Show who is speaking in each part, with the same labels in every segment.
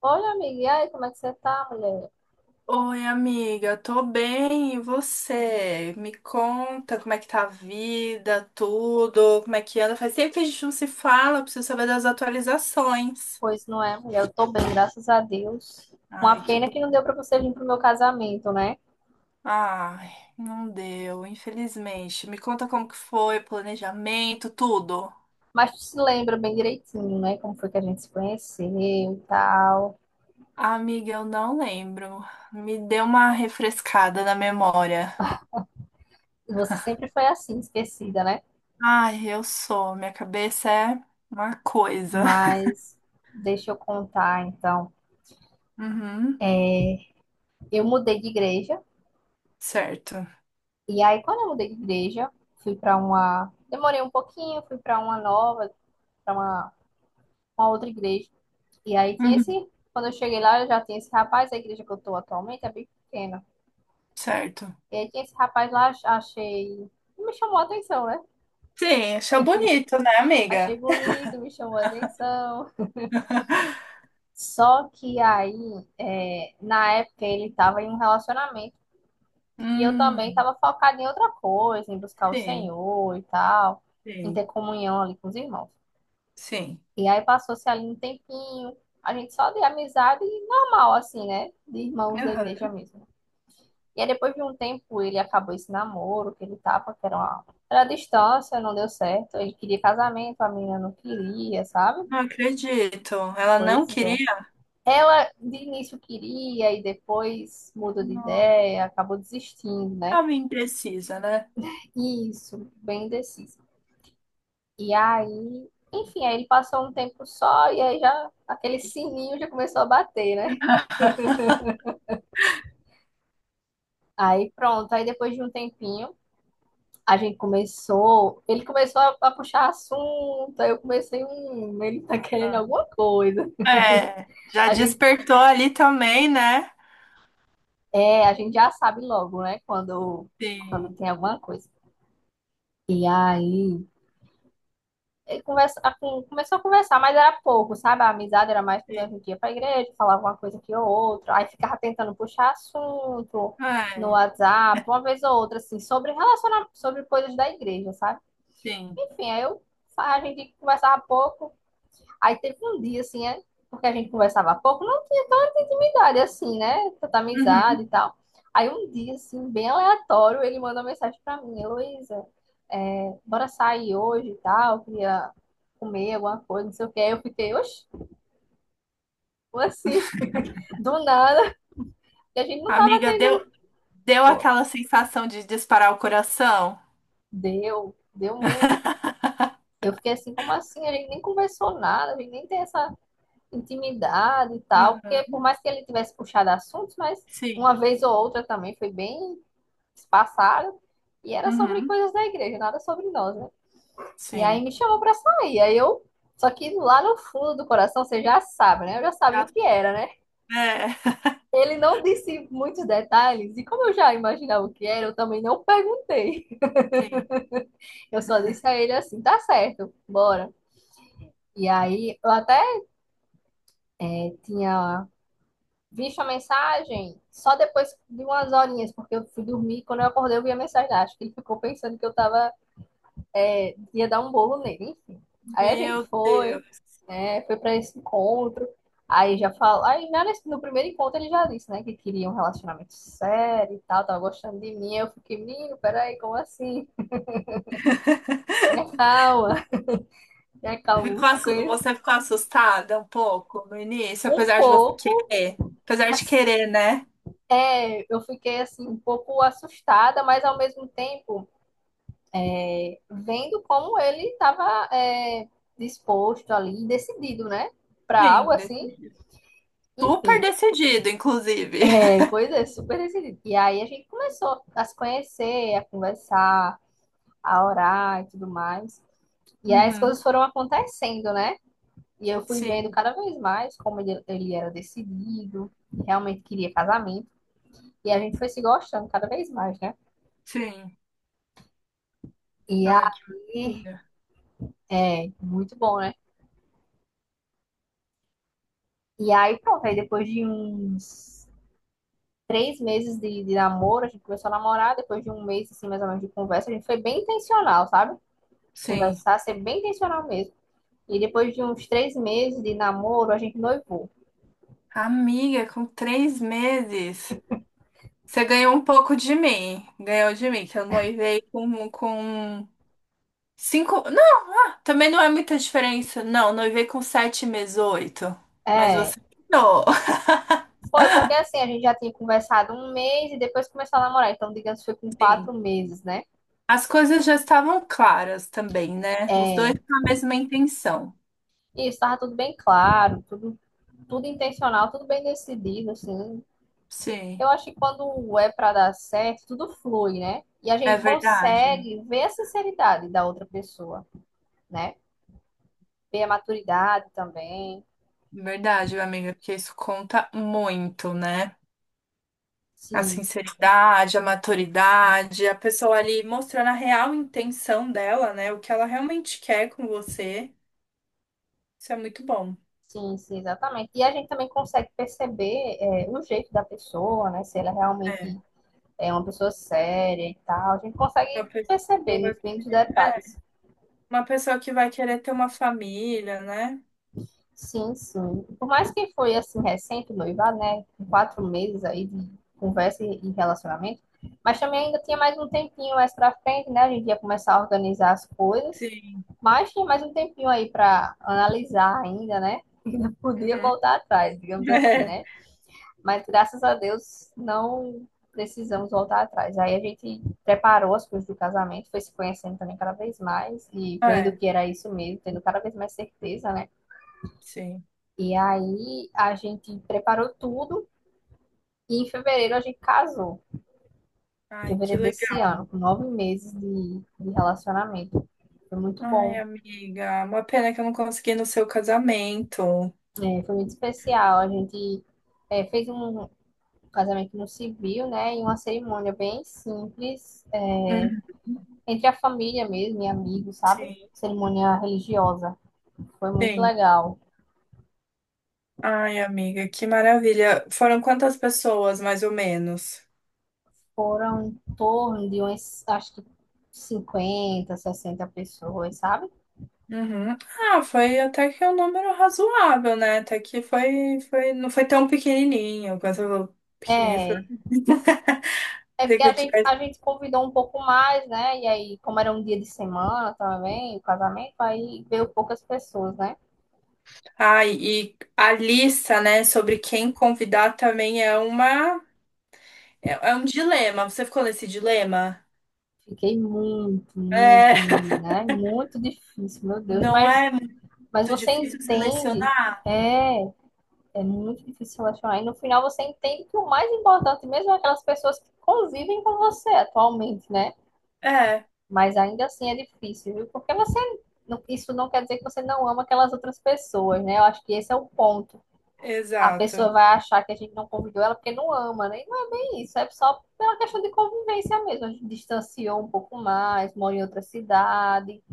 Speaker 1: Olha, amiga, e aí, como é que você tá, mulher?
Speaker 2: Oi, amiga, tô bem, e você? Me conta como é que tá a vida, tudo, como é que anda? Faz tempo que a gente não se fala, preciso saber das atualizações.
Speaker 1: Pois não é, mulher, eu tô bem, graças a Deus. Uma
Speaker 2: Ai, que
Speaker 1: pena
Speaker 2: bom.
Speaker 1: que não deu pra você vir pro meu casamento, né?
Speaker 2: Ai, não deu, infelizmente. Me conta como que foi, planejamento, tudo.
Speaker 1: Mas tu se lembra bem direitinho, né? Como foi que a gente se conheceu e tal.
Speaker 2: Amiga, eu não lembro. Me deu uma refrescada na memória.
Speaker 1: E você sempre foi assim, esquecida, né?
Speaker 2: Ai, eu sou, minha cabeça é uma coisa.
Speaker 1: Mas deixa eu contar, então.
Speaker 2: Uhum,
Speaker 1: Eu mudei de igreja,
Speaker 2: certo.
Speaker 1: e aí, quando eu mudei de igreja, fui pra uma. Demorei um pouquinho, fui pra uma nova, pra uma outra igreja. E aí tinha
Speaker 2: Uhum,
Speaker 1: esse. Quando eu cheguei lá, eu já tinha esse rapaz, a igreja que eu tô atualmente é bem pequena.
Speaker 2: certo.
Speaker 1: E aí tinha esse rapaz lá, achei. Me chamou a atenção, né?
Speaker 2: Sim, achou bonito, né,
Speaker 1: Achei
Speaker 2: amiga?
Speaker 1: bonito, me chamou a atenção. Só que aí, na época, ele tava em um relacionamento. E eu também
Speaker 2: Hum,
Speaker 1: tava focada em outra coisa, em buscar o
Speaker 2: sim,
Speaker 1: Senhor e tal, em
Speaker 2: sim,
Speaker 1: ter comunhão ali com os irmãos.
Speaker 2: sim.
Speaker 1: E aí passou-se ali um tempinho, a gente só de amizade normal, assim, né? De irmãos da igreja
Speaker 2: Aham.
Speaker 1: mesmo. E aí, depois de um tempo, ele acabou esse namoro que ele tava, que era uma, era a distância, não deu certo. Ele queria casamento, a menina não queria, sabe?
Speaker 2: Não acredito. Ela não
Speaker 1: Pois é.
Speaker 2: queria?
Speaker 1: Ela de início queria e depois mudou de
Speaker 2: Não.
Speaker 1: ideia, acabou desistindo, né?
Speaker 2: Ela imprecisa, né?
Speaker 1: Isso, bem indecisa. E aí, enfim, aí ele passou um tempo só e aí já aquele sininho já começou a bater, né? Aí pronto, aí depois de um tempinho, a gente começou, ele começou a puxar assunto, aí eu comecei, ele tá querendo
Speaker 2: Ah.
Speaker 1: alguma coisa.
Speaker 2: É, já
Speaker 1: A gente,
Speaker 2: despertou ali também, né?
Speaker 1: a gente já sabe logo, né, quando
Speaker 2: Sim,
Speaker 1: tem alguma coisa. E aí, ele conversa, começou a conversar, mas era pouco, sabe? A amizade era mais quando a
Speaker 2: sim.
Speaker 1: gente ia pra igreja, falava uma coisa aqui ou outra, aí ficava tentando puxar assunto no
Speaker 2: É,
Speaker 1: WhatsApp, uma vez ou outra, assim, sobre relacionamento, sobre coisas da igreja, sabe?
Speaker 2: sim.
Speaker 1: Enfim, aí eu, a gente conversava pouco. Aí teve um dia, assim, porque a gente conversava pouco, não tinha tanta intimidade, assim, né? Tanta
Speaker 2: Uhum.
Speaker 1: amizade e tal. Aí um dia, assim, bem aleatório, ele mandou uma mensagem pra mim, Heloísa, bora sair hoje e tal, queria comer alguma coisa, não sei o que. Aí eu fiquei, oxe, como assim, do nada, e a gente não tava
Speaker 2: Amiga, deu,
Speaker 1: tendo,
Speaker 2: deu
Speaker 1: pô,
Speaker 2: aquela sensação de disparar o coração?
Speaker 1: deu, deu muito. Eu fiquei assim, como assim? A gente nem conversou nada, a gente nem tem essa intimidade e tal,
Speaker 2: Uhum.
Speaker 1: porque por mais que ele tivesse puxado assuntos, mas uma
Speaker 2: Sim.
Speaker 1: vez ou outra também foi bem espaçado, e era sobre
Speaker 2: Uhum.
Speaker 1: coisas da igreja, nada sobre nós, né? E aí
Speaker 2: Sim.
Speaker 1: me chamou pra sair, aí eu, só que lá no fundo do coração, você já sabe, né? Eu já sabia
Speaker 2: Já-
Speaker 1: o que era, né?
Speaker 2: É,
Speaker 1: Ele não disse muitos detalhes, e como eu já imaginava o que era, eu também não perguntei.
Speaker 2: sim.
Speaker 1: Eu só disse a ele assim, tá certo, bora. E aí, eu até tinha. Vi sua mensagem só depois de umas horinhas, porque eu fui dormir. Quando eu acordei, eu vi a mensagem. Acho que ele ficou pensando que eu tava, ia dar um bolo nele, enfim. Aí a gente
Speaker 2: Meu
Speaker 1: foi,
Speaker 2: Deus.
Speaker 1: né? Foi pra esse encontro. Aí já falou. Aí já no primeiro encontro ele já disse, né? Que queria um relacionamento sério e tal, tava gostando de mim. Aí eu fiquei, menino, peraí, como assim? Tenha calma, tenha calma, vamos se conhecer.
Speaker 2: Você ficou assustada um pouco no início,
Speaker 1: Um
Speaker 2: apesar de você
Speaker 1: pouco,
Speaker 2: querer. Apesar de
Speaker 1: assim,
Speaker 2: querer, né?
Speaker 1: eu fiquei assim, um pouco assustada, mas ao mesmo tempo, vendo como ele estava disposto ali, decidido, né? Para algo
Speaker 2: Sim,
Speaker 1: assim.
Speaker 2: decidido. Super
Speaker 1: Enfim,
Speaker 2: decidido, inclusive.
Speaker 1: pois é, super decidido. E aí a gente começou a se conhecer, a conversar, a orar e tudo mais. E aí as
Speaker 2: Uhum.
Speaker 1: coisas foram acontecendo, né? E eu fui vendo
Speaker 2: Sim,
Speaker 1: cada vez mais como ele era decidido, realmente queria casamento. E a gente foi se gostando cada vez mais, né?
Speaker 2: sim.
Speaker 1: E
Speaker 2: Ai, que
Speaker 1: aí,
Speaker 2: maravilha.
Speaker 1: muito bom, né? E aí, pronto, aí depois de uns 3 meses de namoro, a gente começou a namorar, depois de um mês, assim, mais ou menos, de conversa, a gente foi bem intencional, sabe?
Speaker 2: Sim.
Speaker 1: Conversar, ser bem intencional mesmo. E depois de uns 3 meses de namoro, a gente noivou.
Speaker 2: Amiga, com 3 meses, você ganhou um pouco de mim. Ganhou de mim, que eu noivei com cinco. Não, também não é muita diferença. Não, noivei com 7 meses, oito. Mas
Speaker 1: É,
Speaker 2: você ganhou.
Speaker 1: foi porque assim, a gente já tinha conversado um mês e depois começou a namorar. Então, digamos, foi com quatro
Speaker 2: Sim.
Speaker 1: meses, né?
Speaker 2: As coisas já estavam claras também, né? Os
Speaker 1: É,
Speaker 2: dois com a mesma intenção.
Speaker 1: e estava tudo bem claro, tudo, tudo intencional, tudo bem decidido, assim.
Speaker 2: Sim,
Speaker 1: Eu acho que quando é para dar certo, tudo flui, né? E a
Speaker 2: é
Speaker 1: gente
Speaker 2: verdade.
Speaker 1: consegue ver a sinceridade da outra pessoa, né? Ver a maturidade também.
Speaker 2: Verdade, amiga, porque isso conta muito, né? A
Speaker 1: Sim,
Speaker 2: sinceridade, a maturidade, a pessoa ali mostrando a real intenção dela, né? O que ela realmente quer com você. Isso é muito bom.
Speaker 1: sim, sim, exatamente. E a gente também consegue perceber o jeito da pessoa, né? Se ela
Speaker 2: É,
Speaker 1: realmente é uma pessoa séria e tal. A gente
Speaker 2: uma
Speaker 1: consegue perceber
Speaker 2: pessoa
Speaker 1: nos
Speaker 2: que,
Speaker 1: mínimos
Speaker 2: é,
Speaker 1: detalhes.
Speaker 2: uma pessoa que vai querer ter uma família, né?
Speaker 1: Sim, sim. Por mais que foi assim recente o noivado, né? Com 4 meses aí de conversa e relacionamento. Mas também ainda tinha mais um tempinho mais pra frente, né? A gente ia começar a organizar as coisas.
Speaker 2: Sim.
Speaker 1: Mas tem mais um tempinho aí para analisar ainda, né? Ainda podia
Speaker 2: Uhum.
Speaker 1: voltar atrás, digamos assim,
Speaker 2: É,
Speaker 1: né? Mas graças a Deus não precisamos voltar atrás. Aí a gente preparou as coisas do casamento, foi se conhecendo também cada vez mais e vendo
Speaker 2: é,
Speaker 1: que era isso mesmo, tendo cada vez mais certeza, né?
Speaker 2: sim.
Speaker 1: E aí a gente preparou tudo e em fevereiro a gente casou. Em
Speaker 2: Ai, que
Speaker 1: fevereiro
Speaker 2: legal.
Speaker 1: desse ano, com 9 meses de relacionamento. Foi muito
Speaker 2: Ai,
Speaker 1: bom,
Speaker 2: amiga, uma pena que eu não consegui ir no seu casamento.
Speaker 1: foi muito especial. A gente fez um casamento no civil, né? E uma cerimônia bem simples,
Speaker 2: Uhum.
Speaker 1: entre a família mesmo e amigos, sabe?
Speaker 2: Sim,
Speaker 1: Cerimônia religiosa. Foi muito
Speaker 2: sim.
Speaker 1: legal.
Speaker 2: Ai, amiga, que maravilha. Foram quantas pessoas, mais ou menos?
Speaker 1: Foram em torno de umas, acho que 50, 60 pessoas, sabe?
Speaker 2: Uhum. Ah, foi até que um número razoável, né? Até que foi, não foi tão pequenininho. Quando você falou pequenininho, foi
Speaker 1: É, é, porque
Speaker 2: que
Speaker 1: a
Speaker 2: eu
Speaker 1: gente, a
Speaker 2: tivesse.
Speaker 1: gente convidou um pouco mais, né? E aí, como era um dia de semana também, o casamento, aí veio poucas pessoas, né?
Speaker 2: Ai, e a lista, né, sobre quem convidar também é um dilema. Você ficou nesse dilema?
Speaker 1: Fiquei muito,
Speaker 2: É,
Speaker 1: muito, menina. É muito difícil, meu Deus.
Speaker 2: não
Speaker 1: Mas
Speaker 2: é muito
Speaker 1: Mas você
Speaker 2: difícil
Speaker 1: entende,
Speaker 2: selecionar?
Speaker 1: é, é muito difícil relacionar. E no final você entende que o mais importante mesmo é aquelas pessoas que convivem com você atualmente, né?
Speaker 2: É.
Speaker 1: Mas ainda assim é difícil, viu? Porque você, isso não quer dizer que você não ama aquelas outras pessoas, né? Eu acho que esse é o ponto. A
Speaker 2: Exato.
Speaker 1: pessoa vai achar que a gente não convidou ela porque não ama, né? E não é bem isso, é só pela questão de convivência mesmo. A gente distanciou um pouco mais, mora em outra cidade,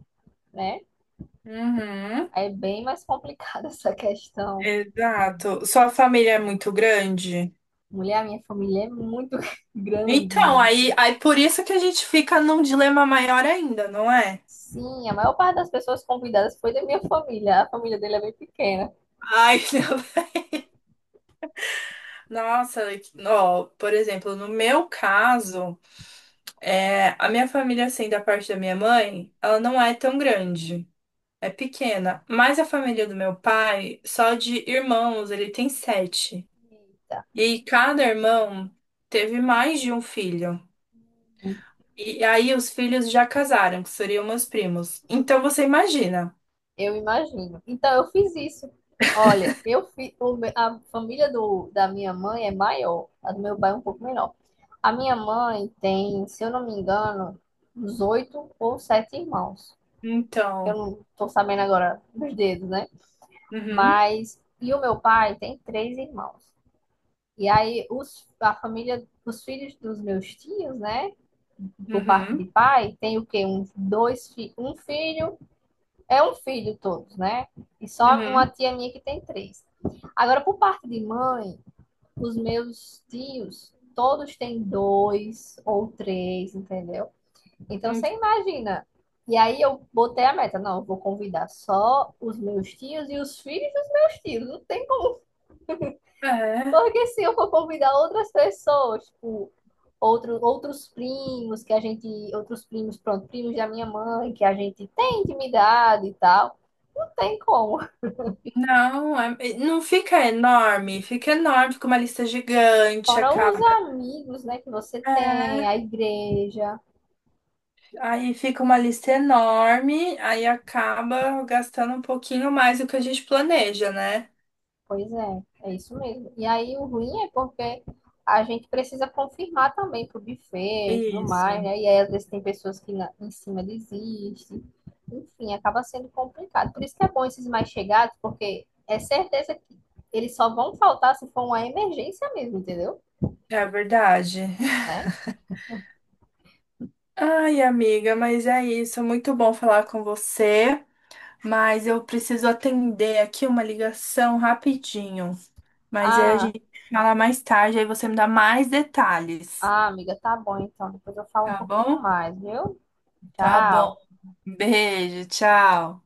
Speaker 1: né?
Speaker 2: Uhum.
Speaker 1: Aí é bem mais complicada essa questão.
Speaker 2: Exato. Sua família é muito grande?
Speaker 1: Mulher, a minha família é muito
Speaker 2: Então,
Speaker 1: grande.
Speaker 2: aí por isso que a gente fica num dilema maior ainda, não é?
Speaker 1: Sim, a maior parte das pessoas convidadas foi da minha família. A família dele é bem pequena.
Speaker 2: Ai, não. Nossa, ó, por exemplo, no meu caso, a minha família, assim, da parte da minha mãe, ela não é tão grande, é pequena. Mas a família do meu pai, só de irmãos, ele tem sete.
Speaker 1: Eita,
Speaker 2: E cada irmão teve mais de um filho. E aí os filhos já casaram, que seriam meus primos. Então você imagina.
Speaker 1: eu imagino. Então, eu fiz isso. Olha, eu a família da minha mãe é maior, a do meu pai é um pouco menor. A minha mãe tem, se eu não me engano, uns oito ou sete irmãos. Eu
Speaker 2: Então,
Speaker 1: não estou sabendo agora dos dedos, né?
Speaker 2: uhum,
Speaker 1: Mas, e o meu pai tem três irmãos. E aí os, a família, os filhos dos meus tios, né? Por parte
Speaker 2: uhum,
Speaker 1: de pai, tem o quê? Um, dois, um filho, é um filho todos, né? E só uma
Speaker 2: uhum.
Speaker 1: tia minha que tem três. Agora, por parte de mãe, os meus tios, todos têm dois ou três, entendeu? Então,
Speaker 2: Uhum.
Speaker 1: você imagina. E aí eu botei a meta, não, eu vou convidar só os meus tios e os filhos dos meus tios. Não tem como,
Speaker 2: É,
Speaker 1: porque se eu for convidar outras pessoas, tipo, outros primos que a gente, outros primos, pronto, primos da minha mãe, que a gente tem intimidade e tal, não tem como.
Speaker 2: não, não fica enorme, fica enorme, fica uma lista gigante,
Speaker 1: Fora os
Speaker 2: acaba.
Speaker 1: amigos, né, que você tem,
Speaker 2: É,
Speaker 1: a igreja.
Speaker 2: aí fica uma lista enorme, aí acaba gastando um pouquinho mais do que a gente planeja, né?
Speaker 1: Pois é, é isso mesmo. E aí o ruim é porque a gente precisa confirmar também pro buffet e tudo mais,
Speaker 2: Isso,
Speaker 1: né? E aí às vezes tem pessoas que em cima desistem. Enfim, acaba sendo complicado. Por isso que é bom esses mais chegados, porque é certeza que eles só vão faltar se for uma emergência mesmo, entendeu?
Speaker 2: é verdade.
Speaker 1: Né?
Speaker 2: Ai, amiga, mas é isso. Muito bom falar com você. Mas eu preciso atender aqui uma ligação rapidinho. Mas aí a
Speaker 1: Ah,
Speaker 2: gente fala mais tarde, aí você me dá mais detalhes,
Speaker 1: ah, amiga, tá bom então. Depois eu falo um
Speaker 2: tá
Speaker 1: pouquinho
Speaker 2: bom?
Speaker 1: mais, viu?
Speaker 2: Tá bom.
Speaker 1: Tchau.
Speaker 2: Beijo, tchau.